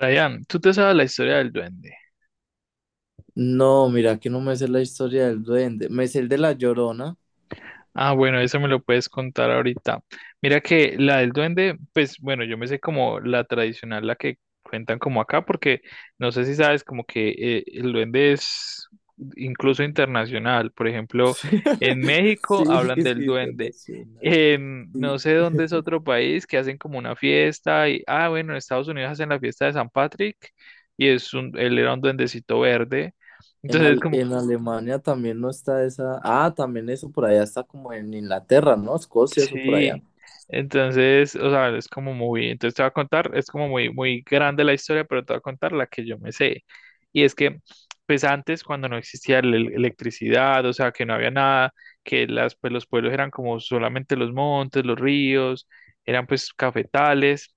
¿Ryan, tú te sabes la historia del duende? No, mira que no me sé la historia del duende. Me sé el de la Llorona. Ah, bueno, eso me lo puedes contar ahorita. Mira que la del duende, pues bueno, yo me sé como la tradicional, la que cuentan como acá, porque no sé si sabes como que el duende es incluso internacional. Por ejemplo, en México Sí, hablan es del que duende. internacional. En no Y sé dónde es otro país que hacen como una fiesta y, ah, bueno, en Estados Unidos hacen la fiesta de San Patrick y él era un duendecito verde. En, Entonces, Al- como en Alemania también no está esa. Ah, también eso por allá está como en Inglaterra, ¿no? Escocia, eso por allá. sí, entonces, o sea, es como muy, entonces te voy a contar, es como muy, muy grande la historia, pero te voy a contar la que yo me sé. Y es que, pues antes, cuando no existía la electricidad, o sea, que no había nada, que pues, los pueblos eran como solamente los montes, los ríos, eran pues cafetales,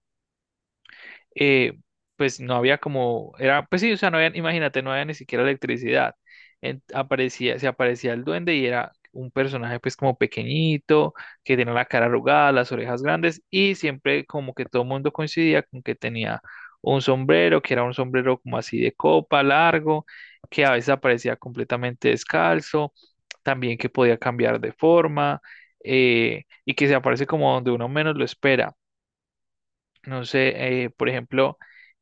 eh, pues no había como, era, pues sí, o sea, no había, imagínate, no había ni siquiera electricidad. Se aparecía el duende y era un personaje pues como pequeñito, que tenía la cara arrugada, las orejas grandes y siempre como que todo el mundo coincidía con que tenía un sombrero, que era un sombrero como así de copa, largo, que a veces aparecía completamente descalzo, también que podía cambiar de forma, y que se aparece como donde uno menos lo espera. No sé, por ejemplo,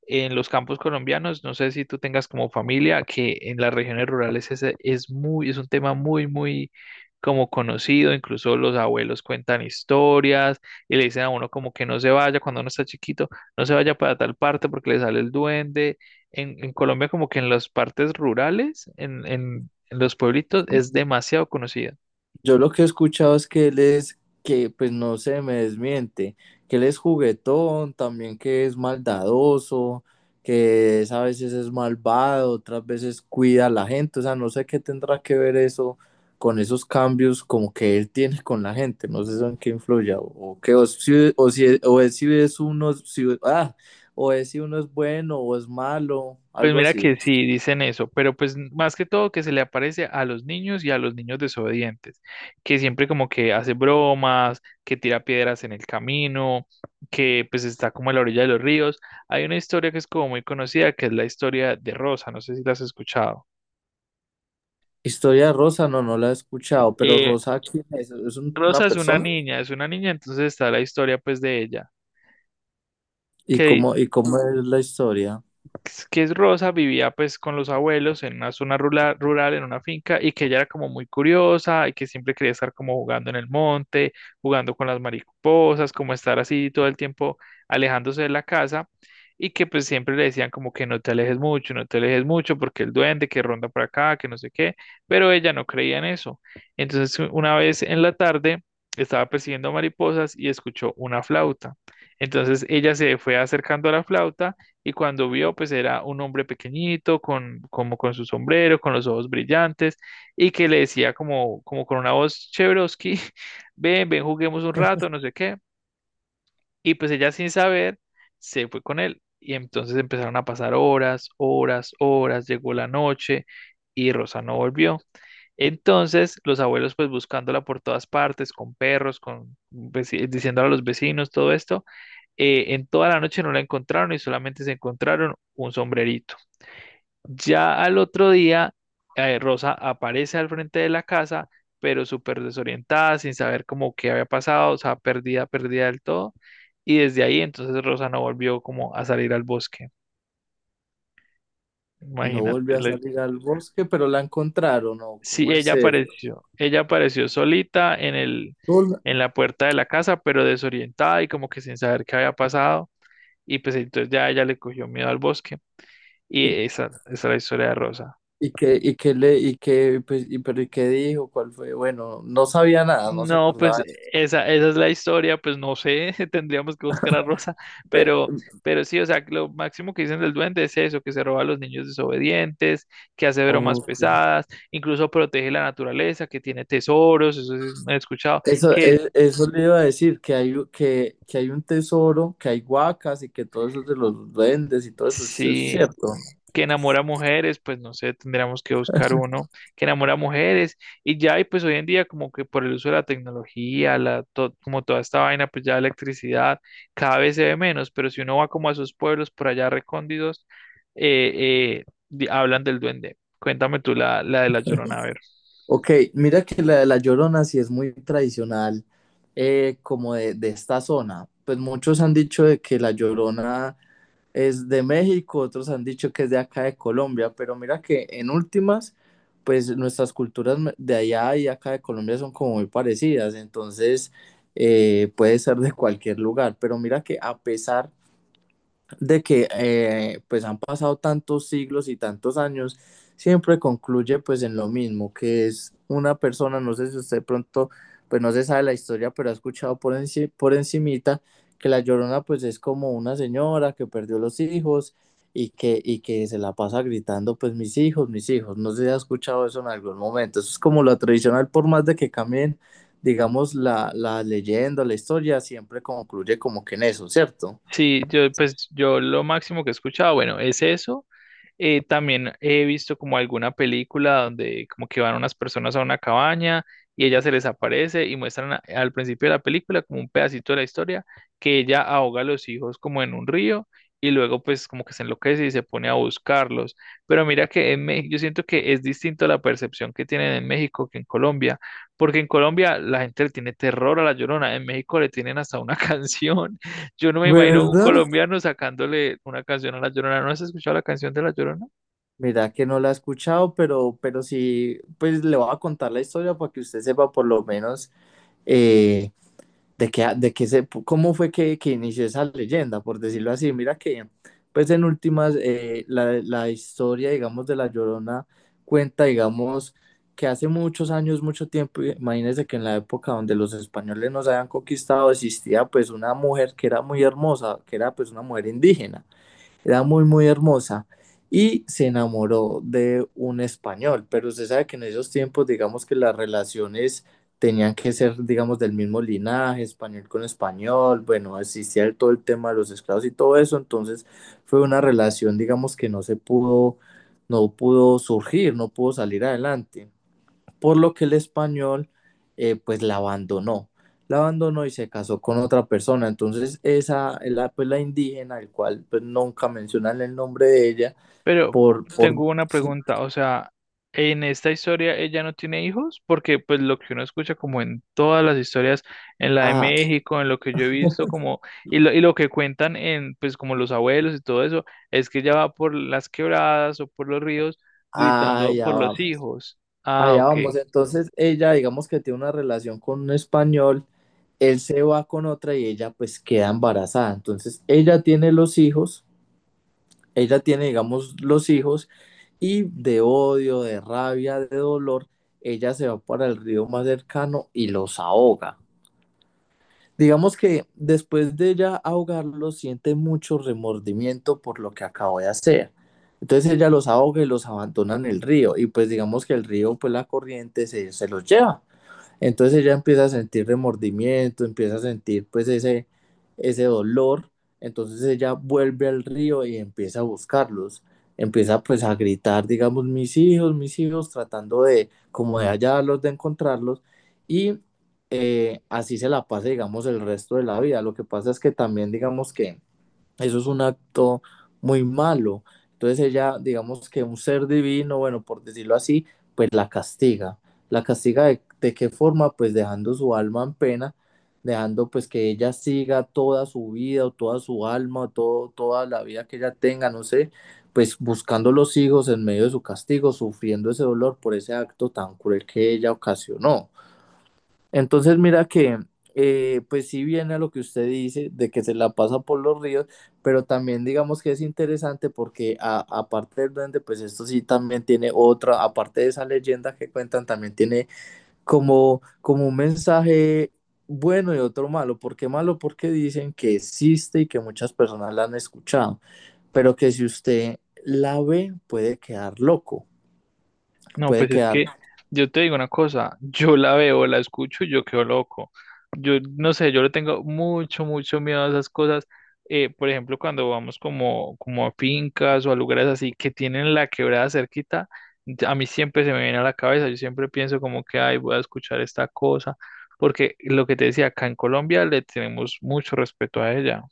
en los campos colombianos, no sé si tú tengas como familia que en las regiones rurales es muy, es un tema muy, muy como conocido, incluso los abuelos cuentan historias y le dicen a uno como que no se vaya cuando uno está chiquito, no se vaya para tal parte porque le sale el duende. En Colombia como que en las partes rurales, en los pueblitos, es demasiado conocido. Yo lo que he escuchado es que él es, que pues no se me desmiente, que él es juguetón, también que es maldadoso, a veces es malvado, otras veces cuida a la gente, o sea, no sé qué tendrá que ver eso con esos cambios como que él tiene con la gente, no sé eso en qué influye, o que o si, o si, o es, si es uno, o es si uno es bueno o es malo, Pues algo mira así. que sí, dicen eso, pero pues más que todo que se le aparece a los niños y a los niños desobedientes, que siempre como que hace bromas, que tira piedras en el camino, que pues está como a la orilla de los ríos. Hay una historia que es como muy conocida, que es la historia de Rosa, no sé si la has escuchado. Historia de Rosa, no la he escuchado, pero Eh, Rosa, ¿quién es? ¿ Una Rosa persona? Es una niña, entonces está la historia pues de ella, que Y cómo es la historia? pues, que es Rosa, vivía pues con los abuelos en una zona rural, rural, en una finca, y que ella era como muy curiosa y que siempre quería estar como jugando en el monte, jugando con las mariposas, como estar así todo el tiempo alejándose de la casa, y que pues siempre le decían como que no te alejes mucho, no te alejes mucho, porque el duende que ronda por acá, que no sé qué, pero ella no creía en eso. Entonces una vez en la tarde estaba persiguiendo mariposas y escuchó una flauta. Entonces ella se fue acercando a la flauta y cuando vio, pues era un hombre pequeñito, con, como con su sombrero, con los ojos brillantes, y que le decía como, con una voz Chevrosky, ven, ven, juguemos un rato, no sé qué. Y pues ella sin saber, se fue con él. Y entonces empezaron a pasar horas, horas, horas, llegó la noche y Rosa no volvió. Entonces, los abuelos pues buscándola por todas partes, con perros, diciéndole a los vecinos todo esto, en toda la noche no la encontraron y solamente se encontraron un sombrerito. Ya al otro día, Rosa aparece al frente de la casa, pero súper desorientada, sin saber cómo qué había pasado, o sea, perdida, perdida del todo. Y desde ahí entonces Rosa no volvió como a salir al bosque. No Imagínate, volvió a salir al bosque, pero la encontraron, ¿no? sí, ¿Cómo es el... ella apareció solita en el, Hola. en la puerta de la casa, pero desorientada y como que sin saber qué había pasado. Y pues entonces ya ella le cogió miedo al bosque. ¿Y, Y esa es la historia de Rosa. Y qué le, y qué, pues, y, pero, ¿y qué dijo? ¿Cuál fue? Bueno, no sabía nada, no se No, pues acordaba. esa es la historia, pues no sé, tendríamos que buscar a Rosa, Ve- pero, sí, o sea, lo máximo que dicen del duende es eso, que se roba a los niños desobedientes, que hace bromas ok. pesadas, incluso protege la naturaleza, que tiene tesoros, eso sí me he escuchado, Eso, que eso le iba a decir, que hay un tesoro, que hay huacas y que todo eso es de los duendes y todo eso, eso es sí, cierto. que enamora mujeres, pues no sé, tendríamos que buscar uno que enamora mujeres y ya, y pues hoy en día como que por el uso de la tecnología, como toda esta vaina, pues ya la electricidad cada vez se ve menos, pero si uno va como a esos pueblos por allá recóndidos, eh, hablan del duende. Cuéntame tú la de la Llorona, a ver. Ok, mira que la de La Llorona sí es muy tradicional, como de esta zona. Pues muchos han dicho de que La Llorona es de México, otros han dicho que es de acá de Colombia, pero mira que en últimas, pues nuestras culturas de allá y acá de Colombia son como muy parecidas, entonces puede ser de cualquier lugar, pero mira que a pesar de que pues han pasado tantos siglos y tantos años, siempre concluye pues en lo mismo, que es una persona, no sé si usted pronto, pues no se sabe la historia, pero ha escuchado por, por encimita que la Llorona pues es como una señora que perdió los hijos y que se la pasa gritando pues mis hijos, no sé si ha escuchado eso en algún momento, eso es como lo tradicional, por más de que cambien, digamos, la leyenda, la historia, siempre concluye como que en eso, ¿cierto? Sí, yo lo máximo que he escuchado, bueno, es eso. También he visto como alguna película donde como que van unas personas a una cabaña y ella se les aparece y muestran al principio de la película como un pedacito de la historia que ella ahoga a los hijos como en un río y luego pues como que se enloquece y se pone a buscarlos. Pero mira que en México yo siento que es distinto la percepción que tienen en México que en Colombia, porque en Colombia la gente le tiene terror a la Llorona, en México le tienen hasta una canción. Yo no me imagino un ¿Verdad? colombiano sacándole una canción a la Llorona. ¿No has escuchado la canción de la Llorona? Mira que no la he escuchado, pero sí, pues le voy a contar la historia para que usted sepa por lo menos eh, de qué, cómo fue que inició esa leyenda, por decirlo así. Mira que, pues en últimas, la, la historia, digamos, de La Llorona cuenta, digamos, que hace muchos años, mucho tiempo, imagínense que en la época donde los españoles nos habían conquistado, existía pues una mujer que era muy hermosa, que era pues una mujer indígena, era muy, muy hermosa. Y se enamoró de un español, pero usted sabe que en esos tiempos, digamos que las relaciones tenían que ser, digamos, del mismo linaje, español con español, bueno, existía todo el tema de los esclavos y todo eso, entonces fue una relación, digamos, que no se pudo, no pudo surgir, no pudo salir adelante por lo que el español pues la abandonó y se casó con otra persona. Entonces esa, la, pues la indígena, el cual pues nunca mencionan el nombre de ella, Pero por, por, tengo una sí, pregunta, o sea, en esta historia ella no tiene hijos, porque pues lo que uno escucha como en todas las historias, en la de ah, México, en lo que yo he visto como, y lo que cuentan en pues como los abuelos y todo eso, es que ella va por las quebradas o por los ríos gritando allá por los vamos, hijos. Ah, allá ok. vamos. Entonces ella digamos que tiene una relación con un español, él se va con otra y ella pues queda embarazada. Entonces ella tiene los hijos, ella tiene, digamos, los hijos y de odio, de rabia, de dolor, ella se va para el río más cercano y los ahoga. Digamos que después de ella ahogarlos, siente mucho remordimiento por lo que acabó de hacer. Entonces ella los ahoga y los abandona en el río y pues digamos que el río, pues la corriente se, se los lleva. Entonces ella empieza a sentir remordimiento, empieza a sentir pues ese dolor. Entonces ella vuelve al río y empieza a buscarlos. Empieza pues a gritar, digamos, mis hijos, tratando de como de hallarlos, de encontrarlos. Y así se la pasa, digamos, el resto de la vida. Lo que pasa es que también, digamos que eso es un acto muy malo. Entonces ella, digamos que un ser divino, bueno, por decirlo así, pues la castiga. ¿La castiga de qué forma? Pues dejando su alma en pena, dejando pues que ella siga toda su vida o toda su alma o todo, toda la vida que ella tenga, no sé, pues buscando los hijos en medio de su castigo, sufriendo ese dolor por ese acto tan cruel que ella ocasionó. Entonces, mira que, pues sí viene a lo que usted dice, de que se la pasa por los ríos, pero también digamos que es interesante porque aparte del duende, pues esto sí también tiene otra, aparte de esa leyenda que cuentan, también tiene como, como un mensaje bueno y otro malo. ¿Por qué malo? Porque dicen que existe y que muchas personas la han escuchado, pero que si usted la ve puede quedar loco, No, puede pues es quedar que yo te digo una cosa, yo la veo, la escucho y yo quedo loco. Yo no sé, yo le tengo mucho, mucho miedo a esas cosas. Por ejemplo, cuando vamos como, a fincas o a lugares así que tienen la quebrada cerquita, a mí siempre se me viene a la cabeza, yo siempre pienso como que, ay, voy a escuchar esta cosa, porque lo que te decía, acá en Colombia le tenemos mucho respeto a ella.